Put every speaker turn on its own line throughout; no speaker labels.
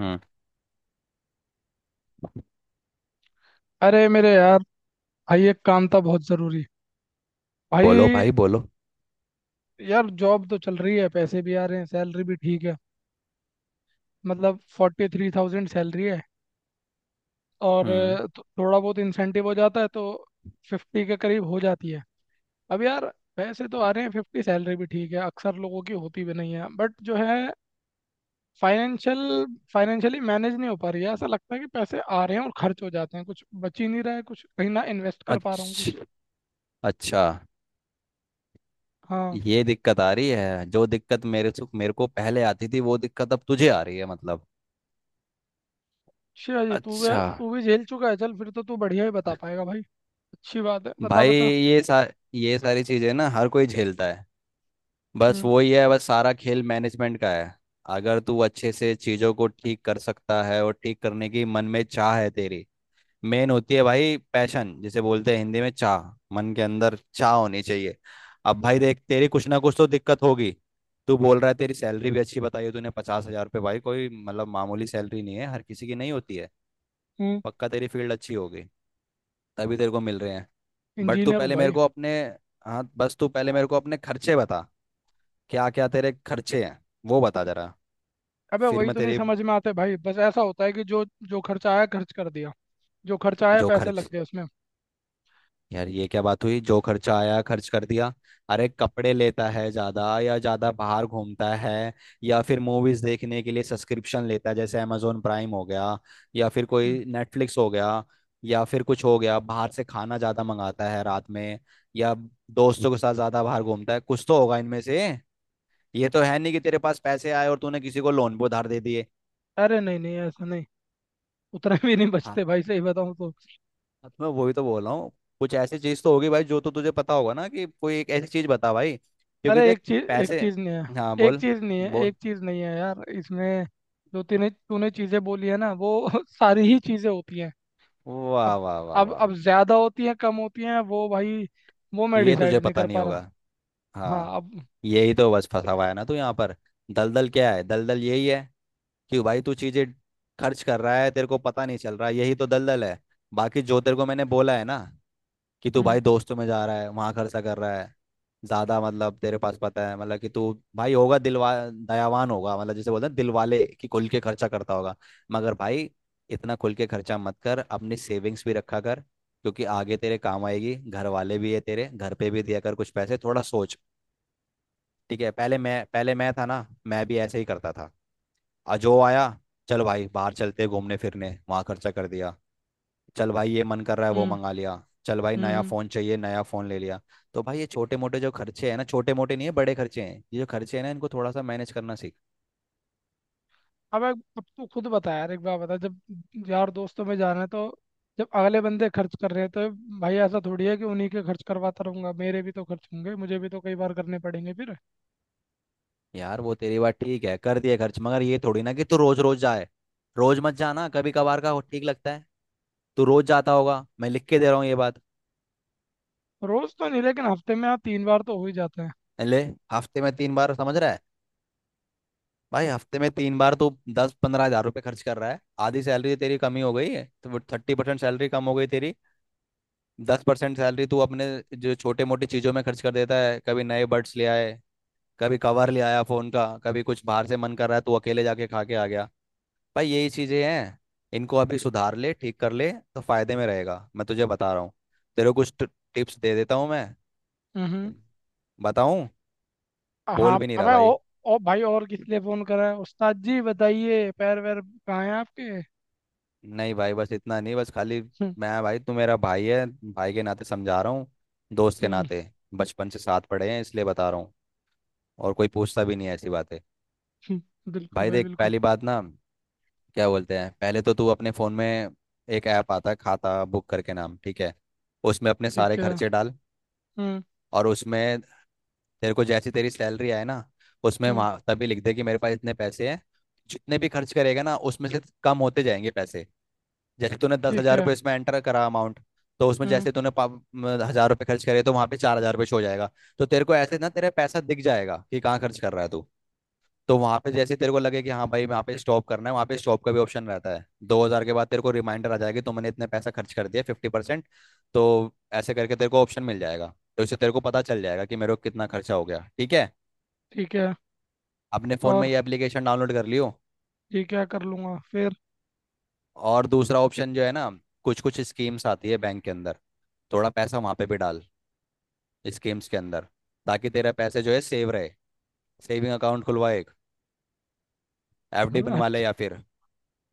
हम्म।
अरे मेरे यार। भाई एक काम था बहुत ज़रूरी, भाई।
बोलो भाई, बोलो।
यार जॉब तो चल रही है, पैसे भी आ रहे हैं, सैलरी भी ठीक है। मतलब 43,000 सैलरी है। और
हम्म।
थोड़ा बहुत इंसेंटिव हो जाता है तो 50 के करीब हो जाती है। अब यार पैसे तो आ रहे हैं, 50 सैलरी भी ठीक है, अक्सर लोगों की होती भी नहीं है, बट जो है फाइनेंशियल फाइनेंशियली मैनेज नहीं हो पा रही है। ऐसा लगता है कि पैसे आ रहे हैं और खर्च हो जाते हैं, कुछ बच ही नहीं रहा है, कुछ कहीं ना इन्वेस्ट कर पा रहा हूँ
अच्छा।
कुछ।
अच्छा,
हाँ।
ये दिक्कत आ रही है। जो दिक्कत मेरे से मेरे को पहले आती थी, वो दिक्कत अब तुझे आ रही है मतलब।
अच्छा जी, तू भी
अच्छा।
तू भी झेल चुका है। चल फिर तो तू बढ़िया ही बता पाएगा भाई। अच्छी बात है, बता
भाई,
बता।
ये सारी चीजें ना हर कोई झेलता है। बस
हम्म।
वही है, बस सारा खेल मैनेजमेंट का है। अगर तू अच्छे से चीजों को ठीक कर सकता है और ठीक करने की मन में चाह है तेरी, मेन होती है भाई, पैशन जिसे बोलते हैं, हिंदी में चाह। मन के अंदर चाह होनी चाहिए। अब भाई देख, तेरी कुछ ना कुछ तो दिक्कत होगी। तू बोल रहा है तेरी सैलरी भी अच्छी बताई है तूने, 50,000 रुपये। भाई कोई मतलब मामूली सैलरी नहीं है, हर किसी की नहीं होती है।
हम्म।
पक्का तेरी फील्ड अच्छी होगी, तभी तेरे को मिल रहे हैं। बट तू
इंजीनियर हूँ
पहले मेरे
भाई।
को अपने, हाँ, बस तू पहले मेरे को अपने खर्चे बता। क्या क्या तेरे खर्चे हैं वो बता जरा।
अबे
फिर
वही
मैं
तो नहीं
तेरी,
समझ में आते भाई, बस ऐसा होता है कि जो जो खर्चा आया खर्च कर दिया। जो खर्चा आया,
जो
पैसे लग
खर्च,
गए उसमें।
यार ये क्या बात हुई, जो खर्चा आया खर्च कर दिया। अरे कपड़े लेता है ज्यादा, या ज्यादा बाहर घूमता है, या फिर मूवीज देखने के लिए सब्सक्रिप्शन लेता है, जैसे amazon प्राइम हो गया, या फिर
हम्म।
कोई नेटफ्लिक्स हो गया, या फिर कुछ हो गया, बाहर से खाना ज्यादा मंगाता है रात में, या दोस्तों के साथ ज्यादा बाहर घूमता है। कुछ तो होगा इनमें से। ये तो है नहीं कि तेरे पास पैसे आए और तूने किसी को लोन पे उधार दे दिए।
अरे नहीं नहीं, ऐसा नहीं। उतने भी नहीं
हाँ,
बचते भाई, सही बताऊँ तो।
हाँ, तो मैं वही तो बोल रहा हूँ। कुछ ऐसी चीज तो होगी भाई, जो तो तुझे पता होगा ना, कि कोई एक ऐसी चीज बता भाई, क्योंकि
अरे
देख,
एक
पैसे।
चीज नहीं है,
हाँ,
एक
बोल।
चीज नहीं है, एक
बोल।
चीज नहीं है यार, इसमें जो तूने तूने चीजें बोली है ना वो सारी ही चीजें होती हैं।
वाह
अब
वाह वाह
अब
वाह।
अब ज्यादा होती हैं कम होती हैं वो भाई, वो मैं
ये तुझे
डिसाइड नहीं
पता
कर
नहीं
पा
होगा।
रहा। हाँ,
हाँ,
अब।
यही तो बस फंसा हुआ है ना तू यहाँ पर। दलदल क्या है, दलदल यही है। कि भाई तू चीजें खर्च कर रहा है, तेरे को पता नहीं चल रहा, यही तो दलदल है। बाकी जो तेरे को मैंने बोला है ना, कि तू
हम्म।
भाई दोस्तों में जा रहा है वहां खर्चा कर रहा है ज्यादा। मतलब तेरे पास पता है, मतलब कि तू भाई होगा, दिलवा दयावान होगा, मतलब जैसे बोलते हैं दिल वाले, कि खुल के खर्चा करता होगा। मगर भाई, इतना खुल के खर्चा मत कर, अपनी सेविंग्स भी रखा कर, क्योंकि आगे तेरे काम आएगी। घर वाले भी है तेरे, घर पे भी दिया कर कुछ पैसे, थोड़ा सोच। ठीक है, पहले मैं था ना, मैं भी ऐसे ही करता था। आ, जो आया, चल भाई बाहर चलते हैं घूमने फिरने, वहां खर्चा कर दिया। चल भाई ये मन कर रहा है, वो
हम्म।
मंगा लिया। चल भाई
हम्म।
नया
हम्म।
फोन चाहिए, नया फोन ले लिया। तो भाई ये छोटे मोटे जो खर्चे हैं ना, छोटे मोटे नहीं है बड़े खर्चे हैं ये जो खर्चे हैं ना, इनको थोड़ा सा मैनेज करना सीख।
अब तू खुद बता यार, एक बार बता, जब यार दोस्तों में जाना है तो, जब अगले बंदे खर्च कर रहे हैं तो, भाई ऐसा थोड़ी है कि उन्हीं के खर्च करवाता रहूंगा, मेरे भी तो खर्च होंगे, मुझे भी तो कई बार करने पड़ेंगे फिर।
यार वो तेरी बात ठीक है, कर दिए खर्च, मगर ये थोड़ी ना कि तू रोज रोज जाए। रोज मत जाना, कभी कभार का ठीक लगता है। तू रोज जाता होगा, मैं लिख के दे रहा हूँ ये बात।
रोज तो नहीं, लेकिन हफ्ते में हाँ 3 बार तो हो ही जाते हैं।
ले। हफ्ते में 3 बार, समझ रहा है। भाई हफ्ते में 3 बार तू दस पंद्रह हजार रुपये खर्च कर रहा है। आधी सैलरी तेरी कमी हो गई है, तो 30% सैलरी कम हो गई तेरी। 10% सैलरी तू अपने जो छोटे मोटी चीजों में खर्च कर देता है, कभी नए बड्स ले आए, कभी कवर ले आया फोन का, कभी कुछ बाहर से मन कर रहा है तू अकेले जाके खा के आ गया। भाई यही चीजें हैं, इनको अभी सुधार ले, ठीक कर ले तो फायदे में रहेगा, मैं तुझे बता रहा हूँ। तेरे को कुछ टिप्स दे देता हूँ मैं।
हम्म। हम्म।
बताऊं? बोल
हाँ,
भी नहीं रहा
अबे ओ,
भाई।
ओ भाई, और किस लिए फोन करा है उस्ताद जी, बताइए, पैर वैर कहाँ है आपके।
नहीं भाई, बस इतना नहीं, बस खाली।
हम्म।
मैं भाई, तू मेरा भाई है, भाई के नाते समझा रहा हूँ, दोस्त के
हम्म।
नाते, बचपन से साथ पढ़े हैं इसलिए बता रहा हूँ। और कोई पूछता भी नहीं है ऐसी बातें।
हम्म। बिल्कुल
भाई
भाई
देख,
बिल्कुल।
पहली बात ना, क्या बोलते हैं, पहले तो तू अपने फ़ोन में एक ऐप आता है खाता बुक करके नाम, ठीक है। उसमें अपने सारे
ठीक है।
खर्चे डाल।
हम्म।
और उसमें तेरे को जैसी तेरी सैलरी आए ना, उसमें
हम्म।
वहाँ तभी लिख दे कि मेरे पास इतने पैसे हैं। जितने भी खर्च करेगा ना उसमें से कम होते जाएंगे पैसे। जैसे तूने दस
ठीक
हज़ार
है।
रुपये इसमें एंटर करा अमाउंट। तो उसमें
हम्म।
जैसे तूने हज़ार रुपये खर्च करे तो वहाँ पे 4,000 रुपये शो हो जाएगा। तो तेरे को ऐसे ना तेरा पैसा दिख जाएगा कि कहाँ खर्च कर रहा है तू। तो वहां पे जैसे तेरे को लगे कि हाँ भाई वहाँ पे स्टॉप करना है, वहाँ पे स्टॉप का भी ऑप्शन रहता है, 2,000 के बाद तेरे को रिमाइंडर आ जाएगी, तुमने इतने पैसा खर्च कर दिया 50%। तो ऐसे करके तेरे को ऑप्शन मिल जाएगा। तो इससे तेरे को पता चल जाएगा कि मेरे को कितना खर्चा हो गया, ठीक है।
ठीक है।
अपने फोन में
और
ये एप्लीकेशन डाउनलोड कर लियो।
ये क्या कर लूंगा फिर?
और दूसरा ऑप्शन जो है ना, कुछ कुछ स्कीम्स आती है बैंक के अंदर, थोड़ा पैसा वहाँ पे भी डाल, स्कीम्स के अंदर, ताकि तेरा पैसे जो है सेव रहे। सेविंग अकाउंट खुलवा एक, एफडी
हम्म।
बनवा ले
अच्छा।
या फिर,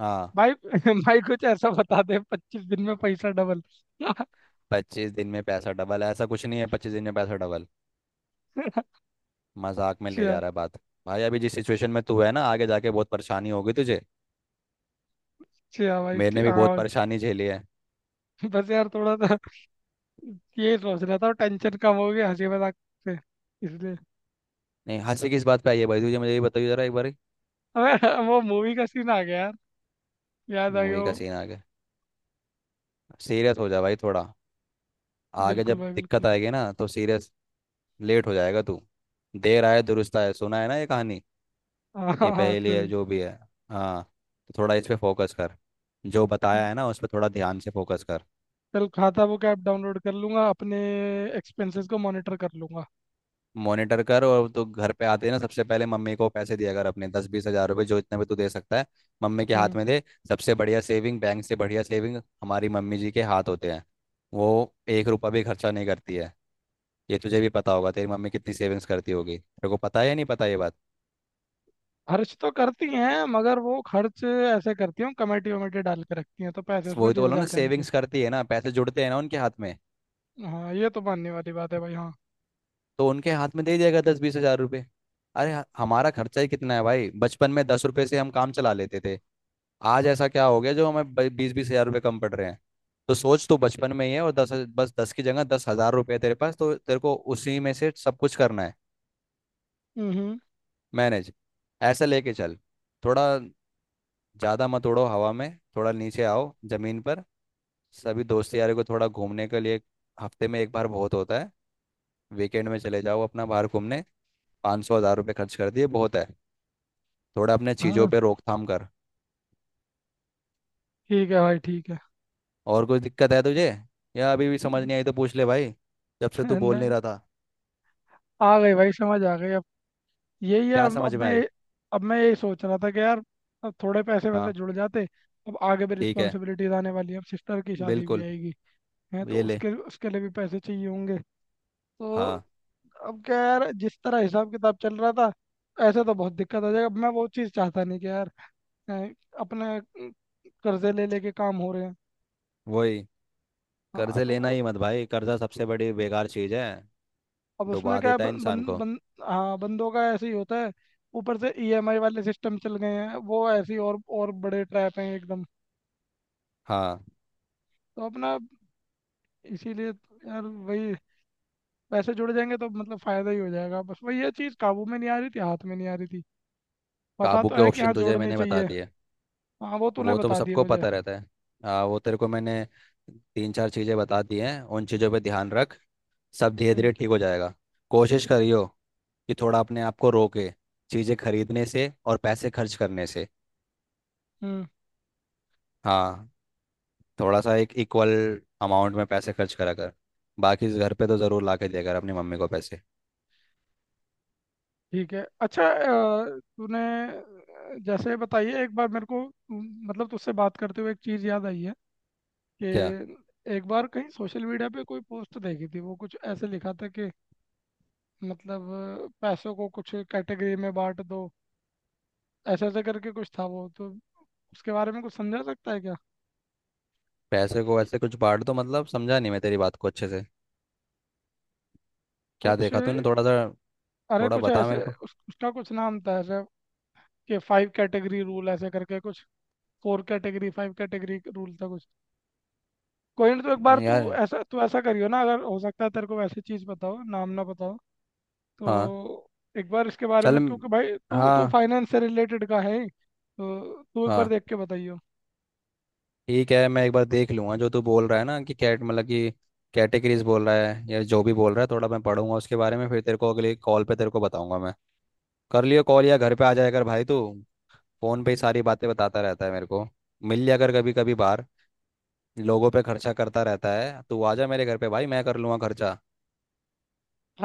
हाँ।
भाई भाई, कुछ ऐसा बता दे 25 दिन में पैसा डबल।
25 दिन में पैसा डबल, ऐसा कुछ नहीं है 25 दिन में पैसा डबल।
अच्छा।
मजाक में ले जा रहा है बात। भाई अभी जिस सिचुएशन में तू है ना, आगे जाके बहुत परेशानी होगी तुझे।
अच्छा भाई,
मैंने
ठीक।
भी
हाँ
बहुत
भाई।
परेशानी झेली है।
बस यार थोड़ा सा ये सोच रहा था, टेंशन कम हो गया हंसी मजाक से, इसलिए।
नहीं, हंसी किस बात पे आई है भाई तुझे, मुझे ये बताइए जरा एक बार।
अबे वो मूवी का सीन आ गया यार, याद आ गया
मूवी का
वो।
सीन आ गया? सीरियस हो जा भाई थोड़ा, आगे
बिल्कुल
जब
भाई बिल्कुल।
दिक्कत आएगी ना तो सीरियस, लेट हो जाएगा तू। देर आए दुरुस्त आए, सुना है ना ये कहानी,
हाँ,
ये
हाँ, हाँ,
पहेली है
सुनिए।
जो भी है। हाँ, तो थोड़ा इस पे फोकस कर। जो बताया है ना उस पर थोड़ा ध्यान से फोकस कर।
चल, खाता बुक ऐप डाउनलोड कर लूंगा, अपने एक्सपेंसेस को मॉनिटर कर लूंगा।
मॉनिटर कर, और तो घर पे आते ही ना सबसे पहले मम्मी को पैसे दिया कर अपने, दस बीस हजार रुपए जो इतने भी तू दे सकता है, मम्मी के
हम्म।
हाथ में दे। सबसे बढ़िया सेविंग, बैंक से बढ़िया सेविंग हमारी मम्मी जी के हाथ होते हैं। वो एक रुपया भी खर्चा नहीं करती है। ये तुझे भी पता होगा, तेरी मम्मी कितनी सेविंग्स करती होगी, तेरे को पता है या नहीं पता ये बात।
खर्च तो करती हैं, मगर वो खर्च ऐसे करती हैं, कमेटी वमेटी डाल के रखती हैं, तो पैसे उसमें
वही तो
जुड़
बोला ना,
जाते हैं उनके।
सेविंग्स करती है ना, पैसे जुड़ते हैं ना उनके हाथ में।
हाँ, ये तो मानने वाली बात है भाई, हाँ।
तो उनके हाथ में दे जाएगा दस बीस हजार रुपए। अरे, हमारा खर्चा ही कितना है भाई, बचपन में 10 रुपए से हम काम चला लेते थे। आज ऐसा क्या हो गया जो हमें बीस बीस हजार रुपये कम पड़ रहे हैं। तो सोच, तो बचपन में ही है, और दस, बस दस की जगह 10,000 रुपये तेरे पास, तो तेरे को उसी में से सब कुछ करना है,
हम्म।
मैनेज। ऐसा लेके चल, थोड़ा ज़्यादा मत उड़ो हवा में, थोड़ा नीचे आओ ज़मीन पर। सभी दोस्त यारों को थोड़ा घूमने के लिए, हफ्ते में एक बार बहुत होता है। वीकेंड में चले जाओ अपना बाहर घूमने, पाँच सौ हज़ार रुपये खर्च कर दिए बहुत है। थोड़ा अपने चीज़ों
हाँ।
पे रोकथाम कर।
ठीक है भाई, ठीक है।
और कुछ दिक्कत है तुझे, या अभी भी समझ नहीं आई तो पूछ ले भाई। जब से तू बोल नहीं
नहीं,
रहा था।
आ गई भाई, समझ आ गई अब। यही है।
क्या
अब अब
समझ में आई?
मैं अब मैं यही सोच रहा था कि यार, अब थोड़े पैसे वैसे
हाँ।
जुड़ जाते। अब आगे भी
ठीक है,
रिस्पॉन्सिबिलिटीज आने वाली है, अब सिस्टर की शादी भी
बिल्कुल।
आएगी है, तो
ये ले।
उसके उसके लिए भी पैसे चाहिए होंगे तो।
हाँ,
अब क्या यार, जिस तरह हिसाब किताब चल रहा था ऐसे तो बहुत दिक्कत आ जाएगा। अब मैं वो चीज़ चाहता नहीं कि यार अ, अपने कर्जे ले लेके काम हो रहे हैं।
वही।
हाँ
कर्जे
तो
लेना
वो-
ही मत भाई, कर्जा सबसे बड़ी बेकार चीज़ है,
अब उसमें
डुबा
क्या है,
देता है
बं, बं,
इंसान को।
बं, हाँ बंदों का ऐसे ही होता है। ऊपर से ईएमआई वाले सिस्टम चल गए हैं, वो ऐसे ही और बड़े ट्रैप हैं एकदम।
हाँ।
तो अपना, इसीलिए तो यार वही, पैसे जुड़ जाएंगे तो मतलब फायदा ही हो जाएगा, बस वही, ये चीज़ काबू में नहीं आ रही थी, हाथ में नहीं आ रही थी, पता
काबू
तो
के
है कि हाँ
ऑप्शन तुझे
जोड़नी
मैंने बता
चाहिए।
दिए,
हाँ, वो तूने
वो तो
बता दिया
सबको
मुझे।
पता रहता है। हाँ, वो तेरे को मैंने तीन चार चीज़ें बता दी हैं, उन चीज़ों पे ध्यान रख। सब धीरे
हम्म।
धीरे ठीक हो जाएगा। कोशिश करियो कि थोड़ा अपने आप को रोके, चीज़ें खरीदने से और पैसे खर्च करने से।
हम्म।
हाँ। थोड़ा सा एक इक्वल अमाउंट में पैसे खर्च करा कर। बाकी घर पे तो ज़रूर ला के दिया कर अपनी मम्मी को पैसे।
ठीक है, अच्छा, तूने, जैसे बताइए एक बार मेरे को, मतलब तुझसे बात करते हुए एक चीज़ याद आई है
क्या?
कि एक बार कहीं सोशल मीडिया पे कोई पोस्ट देखी थी, वो कुछ ऐसे लिखा था कि, मतलब पैसों को कुछ कैटेगरी में बांट दो, ऐसे ऐसे करके कुछ था वो तो। उसके बारे में कुछ समझा सकता है क्या?
पैसे को
कि
ऐसे कुछ बांट दो मतलब, समझा नहीं मैं तेरी बात को अच्छे से। क्या
कुछ,
देखा तूने, थोड़ा सा,
अरे
थोड़ा
कुछ
बता
ऐसे
मेरे को।
उसका कुछ नाम था ऐसे, कि फाइव कैटेगरी रूल, ऐसे करके कुछ, 4 कैटेगरी 5 कैटेगरी रूल था कुछ। कोई ना, तो एक बार
नहीं यार।
तू ऐसा करियो ना, अगर हो सकता है तेरे को, वैसी चीज़ बताओ, नाम ना बताओ,
हाँ।
तो एक बार इसके बारे
चल
में,
म-
क्योंकि भाई तू तू
हाँ।
फाइनेंस से रिलेटेड का है ही, तो तू एक बार
हाँ,
देख के बताइयो।
ठीक है, मैं एक बार देख लूँगा जो तू बोल रहा है ना कि कैट, मतलब कि कैटेगरीज बोल रहा है या जो भी बोल रहा है, थोड़ा मैं पढ़ूंगा उसके बारे में, फिर तेरे को अगले कॉल पे तेरे को बताऊंगा मैं। कर लियो कॉल, या घर पे आ जाया कर भाई तू। फोन पे ही सारी बातें बताता रहता है मेरे को। मिल लिया कर कभी कभी बाहर। लोगों पे खर्चा करता रहता है तू, आ जा मेरे घर पे भाई, मैं कर लूँगा खर्चा।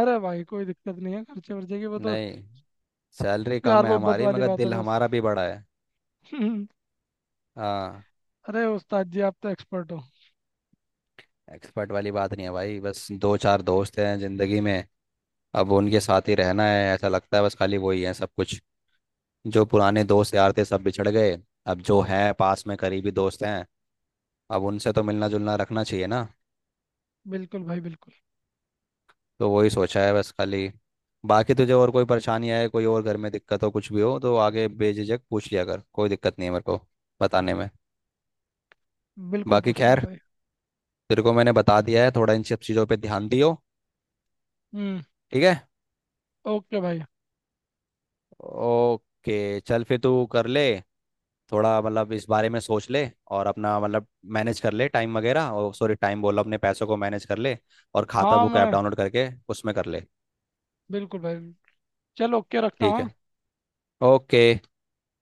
अरे भाई, कोई दिक्कत नहीं है खर्चे वर्चे की, वो तो
नहीं, सैलरी कम
प्यार
है
मोहब्बत
हमारी
वाली
मगर
बात है
दिल
बस।
हमारा भी बड़ा है। हाँ।
अरे उस्ताद जी, आप तो एक्सपर्ट हो।
एक्सपर्ट वाली बात नहीं है भाई, बस दो चार दोस्त हैं जिंदगी में, अब उनके साथ ही रहना है ऐसा लगता है, बस खाली वही है सब कुछ। जो पुराने दोस्त यार थे सब बिछड़ गए, अब जो हैं पास में करीबी दोस्त हैं, अब उनसे तो मिलना जुलना रखना चाहिए ना।
बिल्कुल भाई बिल्कुल।
तो वही सोचा है बस खाली। बाकी तुझे और कोई परेशानी आए, कोई और घर में दिक्कत हो, कुछ भी हो तो आगे बेझिझक पूछ लिया कर, कोई दिक्कत नहीं है मेरे को बताने में।
बिल्कुल
बाकी
पूछ
खैर,
लूंगा भाई।
तेरे को मैंने बता दिया है, थोड़ा इन सब चीज़ों पे ध्यान दियो,
हम्म।
ठीक है।
ओके भाई।
ओके। चल फिर तू कर ले, थोड़ा मतलब इस बारे में सोच ले और अपना मतलब, मैनेज कर ले टाइम वगैरह, और सॉरी, टाइम बोला, अपने पैसों को मैनेज कर ले। और खाता
हाँ
बुक ऐप
मैं,
डाउनलोड करके उसमें कर ले।
बिल्कुल भाई। चलो, ओके, रखता
ठीक है।
हूँ।
ओके।